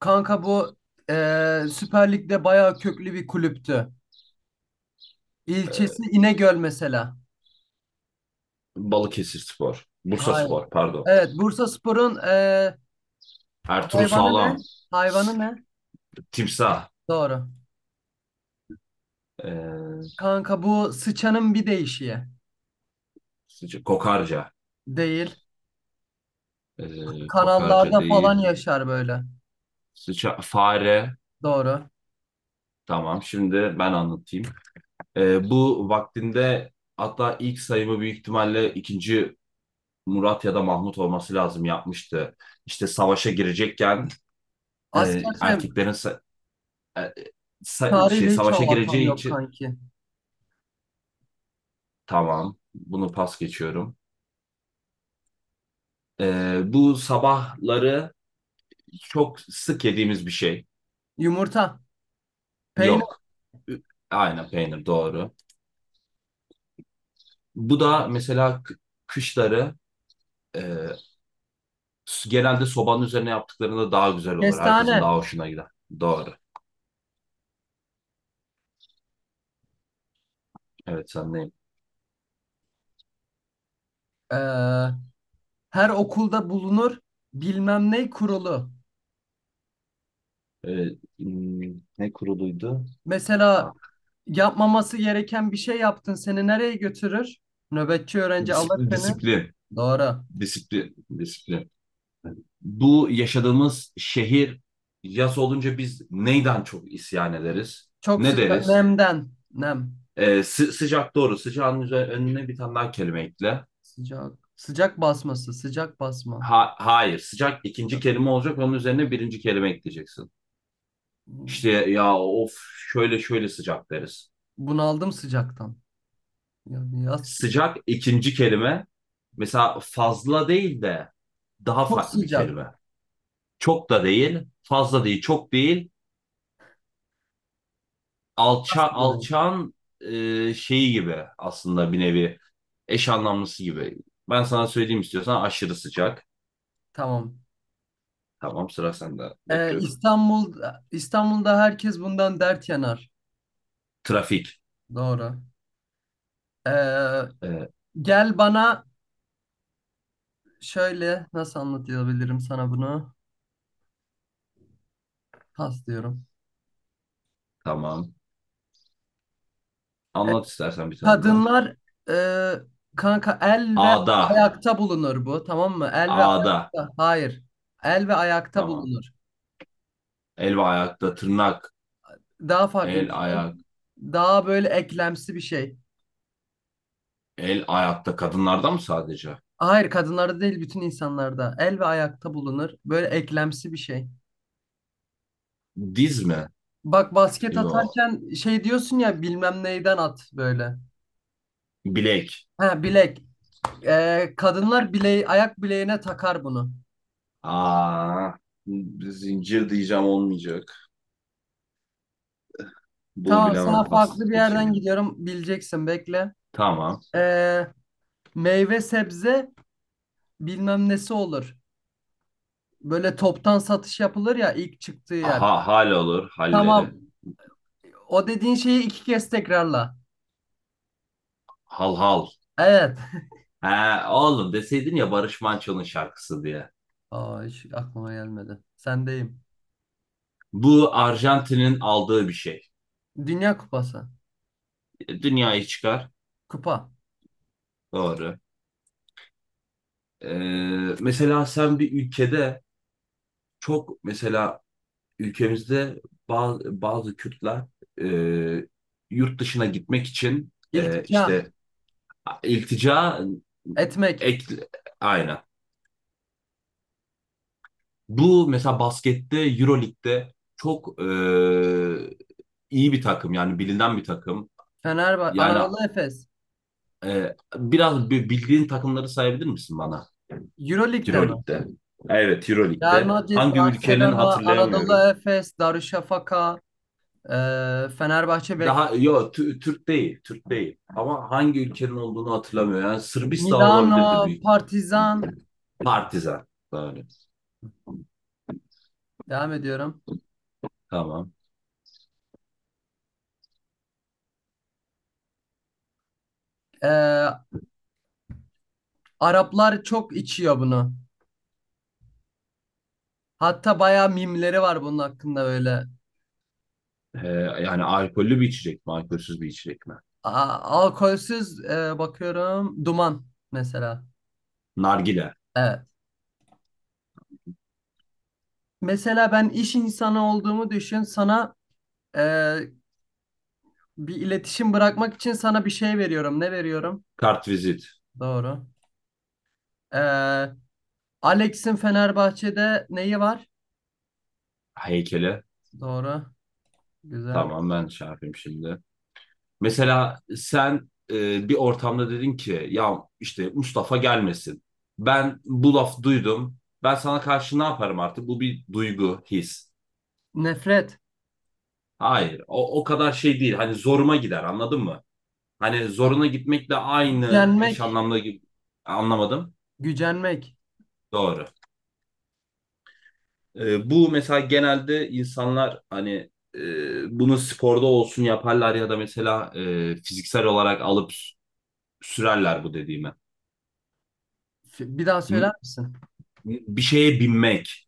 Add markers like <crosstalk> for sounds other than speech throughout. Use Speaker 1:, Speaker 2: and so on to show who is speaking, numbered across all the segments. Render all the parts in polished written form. Speaker 1: Kanka bu Süper Lig'de bayağı köklü bir kulüptü.
Speaker 2: Ee,
Speaker 1: İlçesi İnegöl mesela.
Speaker 2: Balıkesir Spor. Bursa
Speaker 1: Hayır.
Speaker 2: Spor pardon.
Speaker 1: Evet, Bursaspor'un
Speaker 2: Ertuğrul
Speaker 1: hayvanı
Speaker 2: Sağlam.
Speaker 1: ne? Hayvanı ne?
Speaker 2: Timsah.
Speaker 1: Doğru.
Speaker 2: Ee,
Speaker 1: Kanka bu sıçanın bir değişiği.
Speaker 2: Kokarca.
Speaker 1: Değil.
Speaker 2: Kokarca
Speaker 1: Kanallarda
Speaker 2: değil.
Speaker 1: falan yaşar böyle.
Speaker 2: Fare.
Speaker 1: Doğru.
Speaker 2: Tamam, şimdi ben anlatayım. Bu vaktinde, hatta ilk sayımı büyük ihtimalle II. Murat ya da Mahmut olması lazım, yapmıştı. İşte savaşa girecekken, e,
Speaker 1: Asker şey,
Speaker 2: erkeklerin sa- e, sa- şey
Speaker 1: tarihle hiç
Speaker 2: savaşa
Speaker 1: alakam
Speaker 2: gireceği
Speaker 1: yok
Speaker 2: için,
Speaker 1: kanki.
Speaker 2: tamam bunu pas geçiyorum. Bu sabahları çok sık yediğimiz bir şey.
Speaker 1: Yumurta, peynir,
Speaker 2: Yok. Ü- Aynen, peynir doğru. Bu da mesela kışları, e, genelde sobanın üzerine yaptıklarında daha güzel olur. Herkesin
Speaker 1: kestane.
Speaker 2: daha hoşuna gider. Doğru. Evet, sendeyim.
Speaker 1: Eee, her okulda bulunur bilmem ne kurulu.
Speaker 2: Ee, hmm, ne kuruluydu?
Speaker 1: Mesela
Speaker 2: Ah,
Speaker 1: yapmaması gereken bir şey yaptın. Seni nereye götürür? Nöbetçi öğrenci alır
Speaker 2: disiplin,
Speaker 1: seni.
Speaker 2: disiplin.
Speaker 1: Doğru.
Speaker 2: Disiplin. Disiplin. Bu yaşadığımız şehir, yaz olunca biz neyden çok isyan ederiz?
Speaker 1: Çok
Speaker 2: Ne
Speaker 1: sıcak.
Speaker 2: deriz?
Speaker 1: Nemden. Nem.
Speaker 2: Sıcak, doğru. Sıcağın üzerine, önüne bir tane daha kelime ekle.
Speaker 1: Sıcak. Sıcak basması. Sıcak basma.
Speaker 2: Hayır. Sıcak ikinci
Speaker 1: Sıcak.
Speaker 2: kelime olacak. Onun üzerine birinci kelime ekleyeceksin.
Speaker 1: Hmm.
Speaker 2: İşte ya, of, şöyle şöyle sıcak deriz.
Speaker 1: Bunaldım sıcaktan. Yani yaz.
Speaker 2: Sıcak ikinci kelime. Mesela fazla değil de daha
Speaker 1: Çok
Speaker 2: farklı bir
Speaker 1: sıcak.
Speaker 2: kelime. Çok da değil. Fazla değil. Çok değil.
Speaker 1: Yaz diyorum.
Speaker 2: Alçağın şeyi gibi, aslında bir nevi eş anlamlısı gibi. Ben sana söyleyeyim istiyorsan, aşırı sıcak.
Speaker 1: Tamam.
Speaker 2: Tamam, sıra sende. Bekliyorum.
Speaker 1: İstanbul'da herkes bundan dert yanar.
Speaker 2: Trafik.
Speaker 1: Doğru. Ee,
Speaker 2: Evet,
Speaker 1: gel bana şöyle nasıl anlatabilirim sana bunu? Pas diyorum.
Speaker 2: tamam.
Speaker 1: Ee,
Speaker 2: Anlat istersen bir tane daha.
Speaker 1: Kadınlar e, kanka el ve
Speaker 2: Ada.
Speaker 1: ayakta bulunur bu tamam mı? El ve
Speaker 2: Ada.
Speaker 1: ayakta. Hayır. El ve ayakta
Speaker 2: Tamam.
Speaker 1: bulunur.
Speaker 2: El ve ayakta tırnak.
Speaker 1: Daha farklı
Speaker 2: El
Speaker 1: bir şey.
Speaker 2: ayak.
Speaker 1: Daha böyle eklemsi bir şey.
Speaker 2: El ayakta kadınlarda mı sadece?
Speaker 1: Hayır kadınlarda değil bütün insanlarda. El ve ayakta bulunur. Böyle eklemsi bir şey.
Speaker 2: Diz mi?
Speaker 1: Bak basket
Speaker 2: Yo.
Speaker 1: atarken şey diyorsun ya bilmem neyden at böyle.
Speaker 2: Bilek.
Speaker 1: Ha bilek. Kadınlar bileği, ayak bileğine takar bunu.
Speaker 2: Aa, zincir diyeceğim, olmayacak. Bunu
Speaker 1: Tamam
Speaker 2: bilemem.
Speaker 1: sana
Speaker 2: Pas
Speaker 1: farklı bir yerden
Speaker 2: geçelim.
Speaker 1: gidiyorum. Bileceksin bekle.
Speaker 2: Tamam.
Speaker 1: Ee, Meyve sebze bilmem nesi olur. Böyle toptan satış yapılır ya ilk çıktığı yer.
Speaker 2: Aha, hal olur. Halleri.
Speaker 1: Tamam. O dediğin şeyi iki kez tekrarla.
Speaker 2: Hal hal.
Speaker 1: Evet.
Speaker 2: He, oğlum, deseydin ya Barış Manço'nun şarkısı diye.
Speaker 1: <laughs> Aa, hiç aklıma gelmedi. Sendeyim.
Speaker 2: Bu Arjantin'in aldığı bir şey.
Speaker 1: Dünya Kupası.
Speaker 2: Dünyayı çıkar.
Speaker 1: Kupa.
Speaker 2: Doğru. Mesela sen bir ülkede, çok mesela ülkemizde, bazı Kürtler e, yurt dışına gitmek için,
Speaker 1: İltica.
Speaker 2: işte iltica.
Speaker 1: Etmek.
Speaker 2: ek, aynen. Bu mesela baskette Euroleague'de çok iyi bir takım, yani bilinen bir takım.
Speaker 1: Fenerbahçe.
Speaker 2: Yani,
Speaker 1: Anadolu Efes.
Speaker 2: biraz bildiğin takımları sayabilir misin bana,
Speaker 1: Euroleague'de mi?
Speaker 2: Euroleague'de? Evet,
Speaker 1: Real
Speaker 2: Euroleague'de.
Speaker 1: Madrid,
Speaker 2: Hangi ülkenin,
Speaker 1: Barcelona, Anadolu
Speaker 2: hatırlayamıyorum.
Speaker 1: Efes, Darüşşafaka, Fenerbahçe, Beko,
Speaker 2: Daha yok. Türk değil, Türk değil. Ama hangi ülkenin olduğunu hatırlamıyorum. Yani Sırbistan olabilirdi,
Speaker 1: Milano,
Speaker 2: büyük.
Speaker 1: Partizan.
Speaker 2: Partizan. Böyle.
Speaker 1: Devam ediyorum.
Speaker 2: Tamam.
Speaker 1: Ee, Araplar çok içiyor bunu. Hatta bayağı mimleri var bunun hakkında böyle.
Speaker 2: Ee, yani alkollü bir içecek mi, alkolsüz bir içecek mi?
Speaker 1: Alkolsüz bakıyorum. Duman mesela.
Speaker 2: Nargile.
Speaker 1: Evet. Mesela ben iş insanı olduğumu düşün. Sana e, bir iletişim bırakmak için sana bir şey veriyorum. Ne veriyorum?
Speaker 2: Kartvizit.
Speaker 1: Doğru. E, Alex'in Fenerbahçe'de neyi var?
Speaker 2: Heykeli.
Speaker 1: Doğru. Güzel.
Speaker 2: Tamam, ben şey yapayım şimdi. Mesela sen bir ortamda dedin ki, ya işte Mustafa gelmesin. Ben bu laf duydum. Ben sana karşı ne yaparım artık? Bu bir duygu, his.
Speaker 1: Nefret.
Speaker 2: Hayır, o kadar şey değil. Hani zoruma gider, anladın mı? Hani
Speaker 1: Ha,
Speaker 2: zoruna gitmekle aynı eş
Speaker 1: gücenmek.
Speaker 2: anlamda gibi, anlamadım.
Speaker 1: Gücenmek.
Speaker 2: Doğru. Bu mesela genelde insanlar hani, bunu sporda olsun yaparlar ya da mesela fiziksel olarak alıp sürerler bu dediğimi.
Speaker 1: Bir daha söyler
Speaker 2: N-
Speaker 1: misin?
Speaker 2: Bir şeye binmek.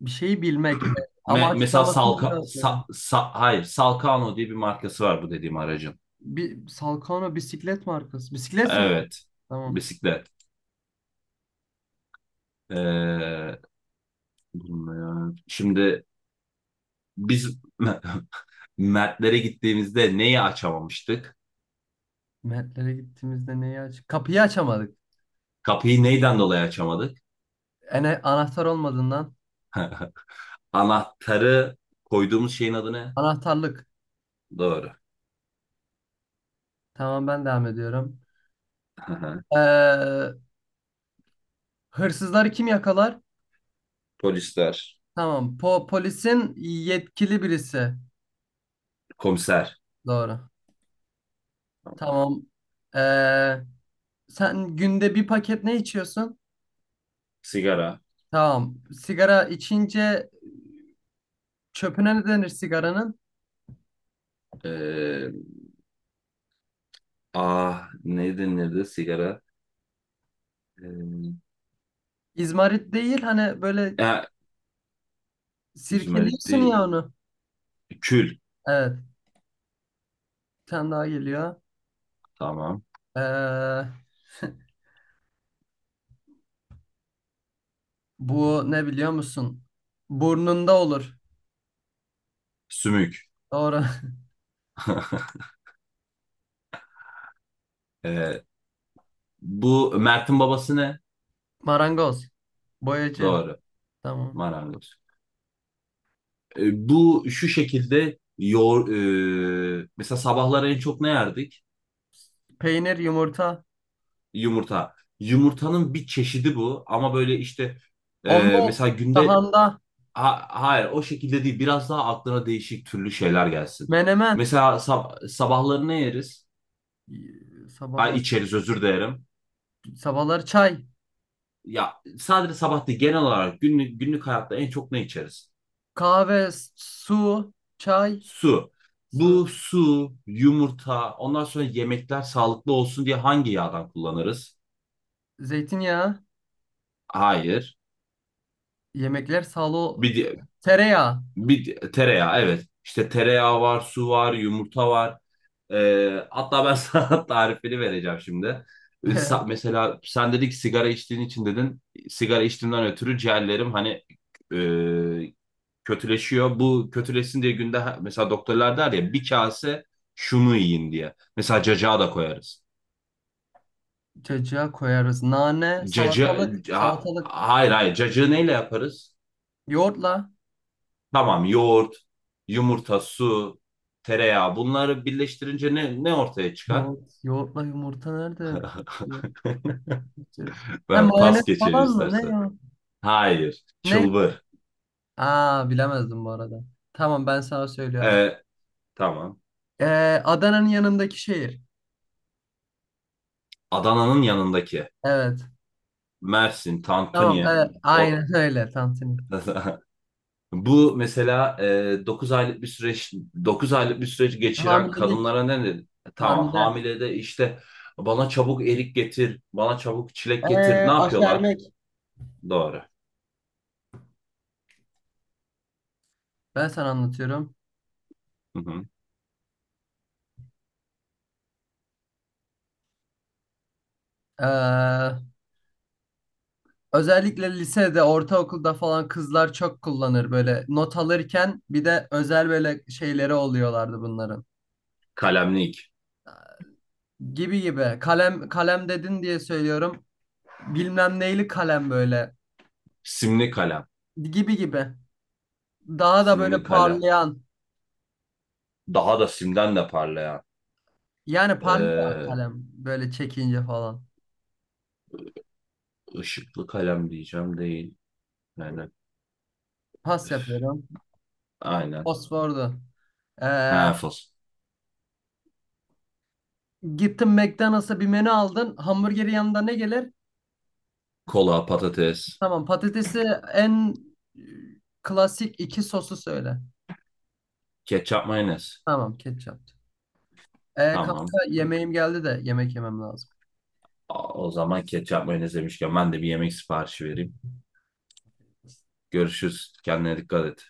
Speaker 1: Bir şeyi bilmek. Evet. Ama
Speaker 2: Mesela
Speaker 1: açıklamasını bir daha söyle.
Speaker 2: Hayır, Salkano diye bir markası var bu dediğim aracın.
Speaker 1: Bir Salkano bisiklet markası. Bisiklet sürmek.
Speaker 2: Evet,
Speaker 1: Tamam.
Speaker 2: bisiklet. Ee, Bilmiyorum. Şimdi biz <laughs> Mertlere gittiğimizde neyi açamamıştık?
Speaker 1: Mertlere gittiğimizde neyi aç? Kapıyı açamadık.
Speaker 2: Kapıyı neyden dolayı açamadık?
Speaker 1: Ene anahtar olmadığından.
Speaker 2: <laughs> Anahtarı koyduğumuz şeyin adı ne?
Speaker 1: Anahtarlık.
Speaker 2: Doğru.
Speaker 1: Tamam ben devam ediyorum.
Speaker 2: <laughs>
Speaker 1: Ee, hırsızları kim yakalar?
Speaker 2: Polisler.
Speaker 1: Tamam. Polisin yetkili birisi.
Speaker 2: Komiser.
Speaker 1: Doğru. Tamam. Ee, sen günde bir paket ne içiyorsun?
Speaker 2: Sigara.
Speaker 1: Tamam. Sigara içince çöpüne ne denir sigaranın?
Speaker 2: Ee, ne denirdi sigara? Ee,
Speaker 1: İzmarit değil hani böyle
Speaker 2: ya, Yüzüme
Speaker 1: sirkeliyorsun
Speaker 2: gitti.
Speaker 1: ya onu.
Speaker 2: Kül.
Speaker 1: Evet. Bir tane daha geliyor.
Speaker 2: Tamam.
Speaker 1: Ee, <laughs> bu ne biliyor musun? Burnunda olur.
Speaker 2: Sümük. <laughs>
Speaker 1: Doğru.
Speaker 2: Ee, Bu Mert'in babası ne?
Speaker 1: <laughs> Marangoz. Boyacı.
Speaker 2: Doğru.
Speaker 1: Tamam.
Speaker 2: Marangoz. E, bu şu şekilde yoğur, e, Mesela sabahlar en çok ne yerdik?
Speaker 1: Peynir, yumurta.
Speaker 2: Yumurta. Yumurtanın bir çeşidi bu, ama böyle işte
Speaker 1: Omlet.
Speaker 2: mesela günde...
Speaker 1: Sahanda.
Speaker 2: Hayır, o şekilde değil, biraz daha aklına değişik türlü şeyler gelsin.
Speaker 1: Menemen.
Speaker 2: Mesela sabahları ne yeriz?
Speaker 1: Sabah,
Speaker 2: Ay, içeriz, özür dilerim.
Speaker 1: sabahları çay.
Speaker 2: Ya sadece sabah değil, genel olarak günlük hayatta en çok ne içeriz?
Speaker 1: Kahve, su, çay,
Speaker 2: Su.
Speaker 1: su,
Speaker 2: Bu su, yumurta, ondan sonra yemekler sağlıklı olsun diye hangi yağdan kullanırız?
Speaker 1: zeytinyağı.
Speaker 2: Hayır.
Speaker 1: Yemekler salo,
Speaker 2: Bir, di-
Speaker 1: tereyağı.
Speaker 2: Bir tereyağı, evet. İşte tereyağı var, su var, yumurta var. Hatta ben <laughs> sana tarifini vereceğim şimdi.
Speaker 1: <laughs>
Speaker 2: Mesela sen dedik, sigara içtiğin için dedin. Sigara içtiğimden ötürü ciğerlerim hani, e, kötüleşiyor. Bu kötüleşsin diye günde, mesela doktorlar der ya, bir kase şunu yiyin diye. Mesela cacığa da koyarız.
Speaker 1: Cacığa koyarız. Nane, salatalık.
Speaker 2: Hayır, hayır, cacığı neyle yaparız?
Speaker 1: Yoğurtla.
Speaker 2: Tamam, yoğurt, yumurta, su, tereyağı, bunları birleştirince ne ortaya çıkar?
Speaker 1: Yoğurt, yoğurtla yumurta nerede?
Speaker 2: <laughs>
Speaker 1: Hem
Speaker 2: Ben
Speaker 1: mayonez
Speaker 2: pas geçelim
Speaker 1: falan mı? Ne
Speaker 2: istersen.
Speaker 1: ya?
Speaker 2: Hayır.
Speaker 1: Ne?
Speaker 2: Çılbır.
Speaker 1: Aa bilemezdim bu arada. Tamam ben sana söylüyorum.
Speaker 2: Ee, tamam.
Speaker 1: Ee, Adana'nın yanındaki şehir.
Speaker 2: Adana'nın yanındaki.
Speaker 1: Evet.
Speaker 2: Mersin,
Speaker 1: Tamam
Speaker 2: Tantuni.
Speaker 1: evet.
Speaker 2: O...
Speaker 1: Aynen öyle. Tantuni.
Speaker 2: <laughs> Bu mesela dokuz aylık bir süreç geçiren
Speaker 1: Hamilelik.
Speaker 2: kadınlara ne dedi? Tamam,
Speaker 1: Hamile.
Speaker 2: hamile de işte, bana çabuk erik getir, bana çabuk çilek getir. Ne yapıyorlar?
Speaker 1: Aşermek.
Speaker 2: Doğru.
Speaker 1: Ben sana anlatıyorum.
Speaker 2: Hı hı.
Speaker 1: Ee, Özellikle lisede, ortaokulda falan kızlar çok kullanır böyle not alırken bir de özel böyle şeyleri oluyorlardı bunların.
Speaker 2: Kalemli.
Speaker 1: Gibi gibi. Kalem kalem dedin diye söylüyorum. Bilmem neyli kalem böyle.
Speaker 2: Simli kalem.
Speaker 1: Gibi gibi. Daha da
Speaker 2: Simli
Speaker 1: böyle
Speaker 2: kalem.
Speaker 1: parlayan.
Speaker 2: Daha da simden de parlayan.
Speaker 1: Yani parlıyor
Speaker 2: Ee,
Speaker 1: kalem böyle çekince falan.
Speaker 2: ışıklı kalem diyeceğim, değil. Yani,
Speaker 1: Pas
Speaker 2: üf,
Speaker 1: yapıyorum.
Speaker 2: aynen.
Speaker 1: Fosfordu. Ee,
Speaker 2: Hafız.
Speaker 1: gittin McDonald's'a bir menü aldın. Hamburgeri yanında ne gelir?
Speaker 2: Kola, patates,
Speaker 1: Tamam patatesi en e, klasik iki sosu söyle.
Speaker 2: ketçap, mayonez.
Speaker 1: Tamam ketçap. E,
Speaker 2: Tamam.
Speaker 1: kanka yemeğim geldi de yemek yemem lazım.
Speaker 2: O zaman ketçap, mayonez demişken, ben de bir yemek siparişi vereyim. Görüşürüz. Kendine dikkat et.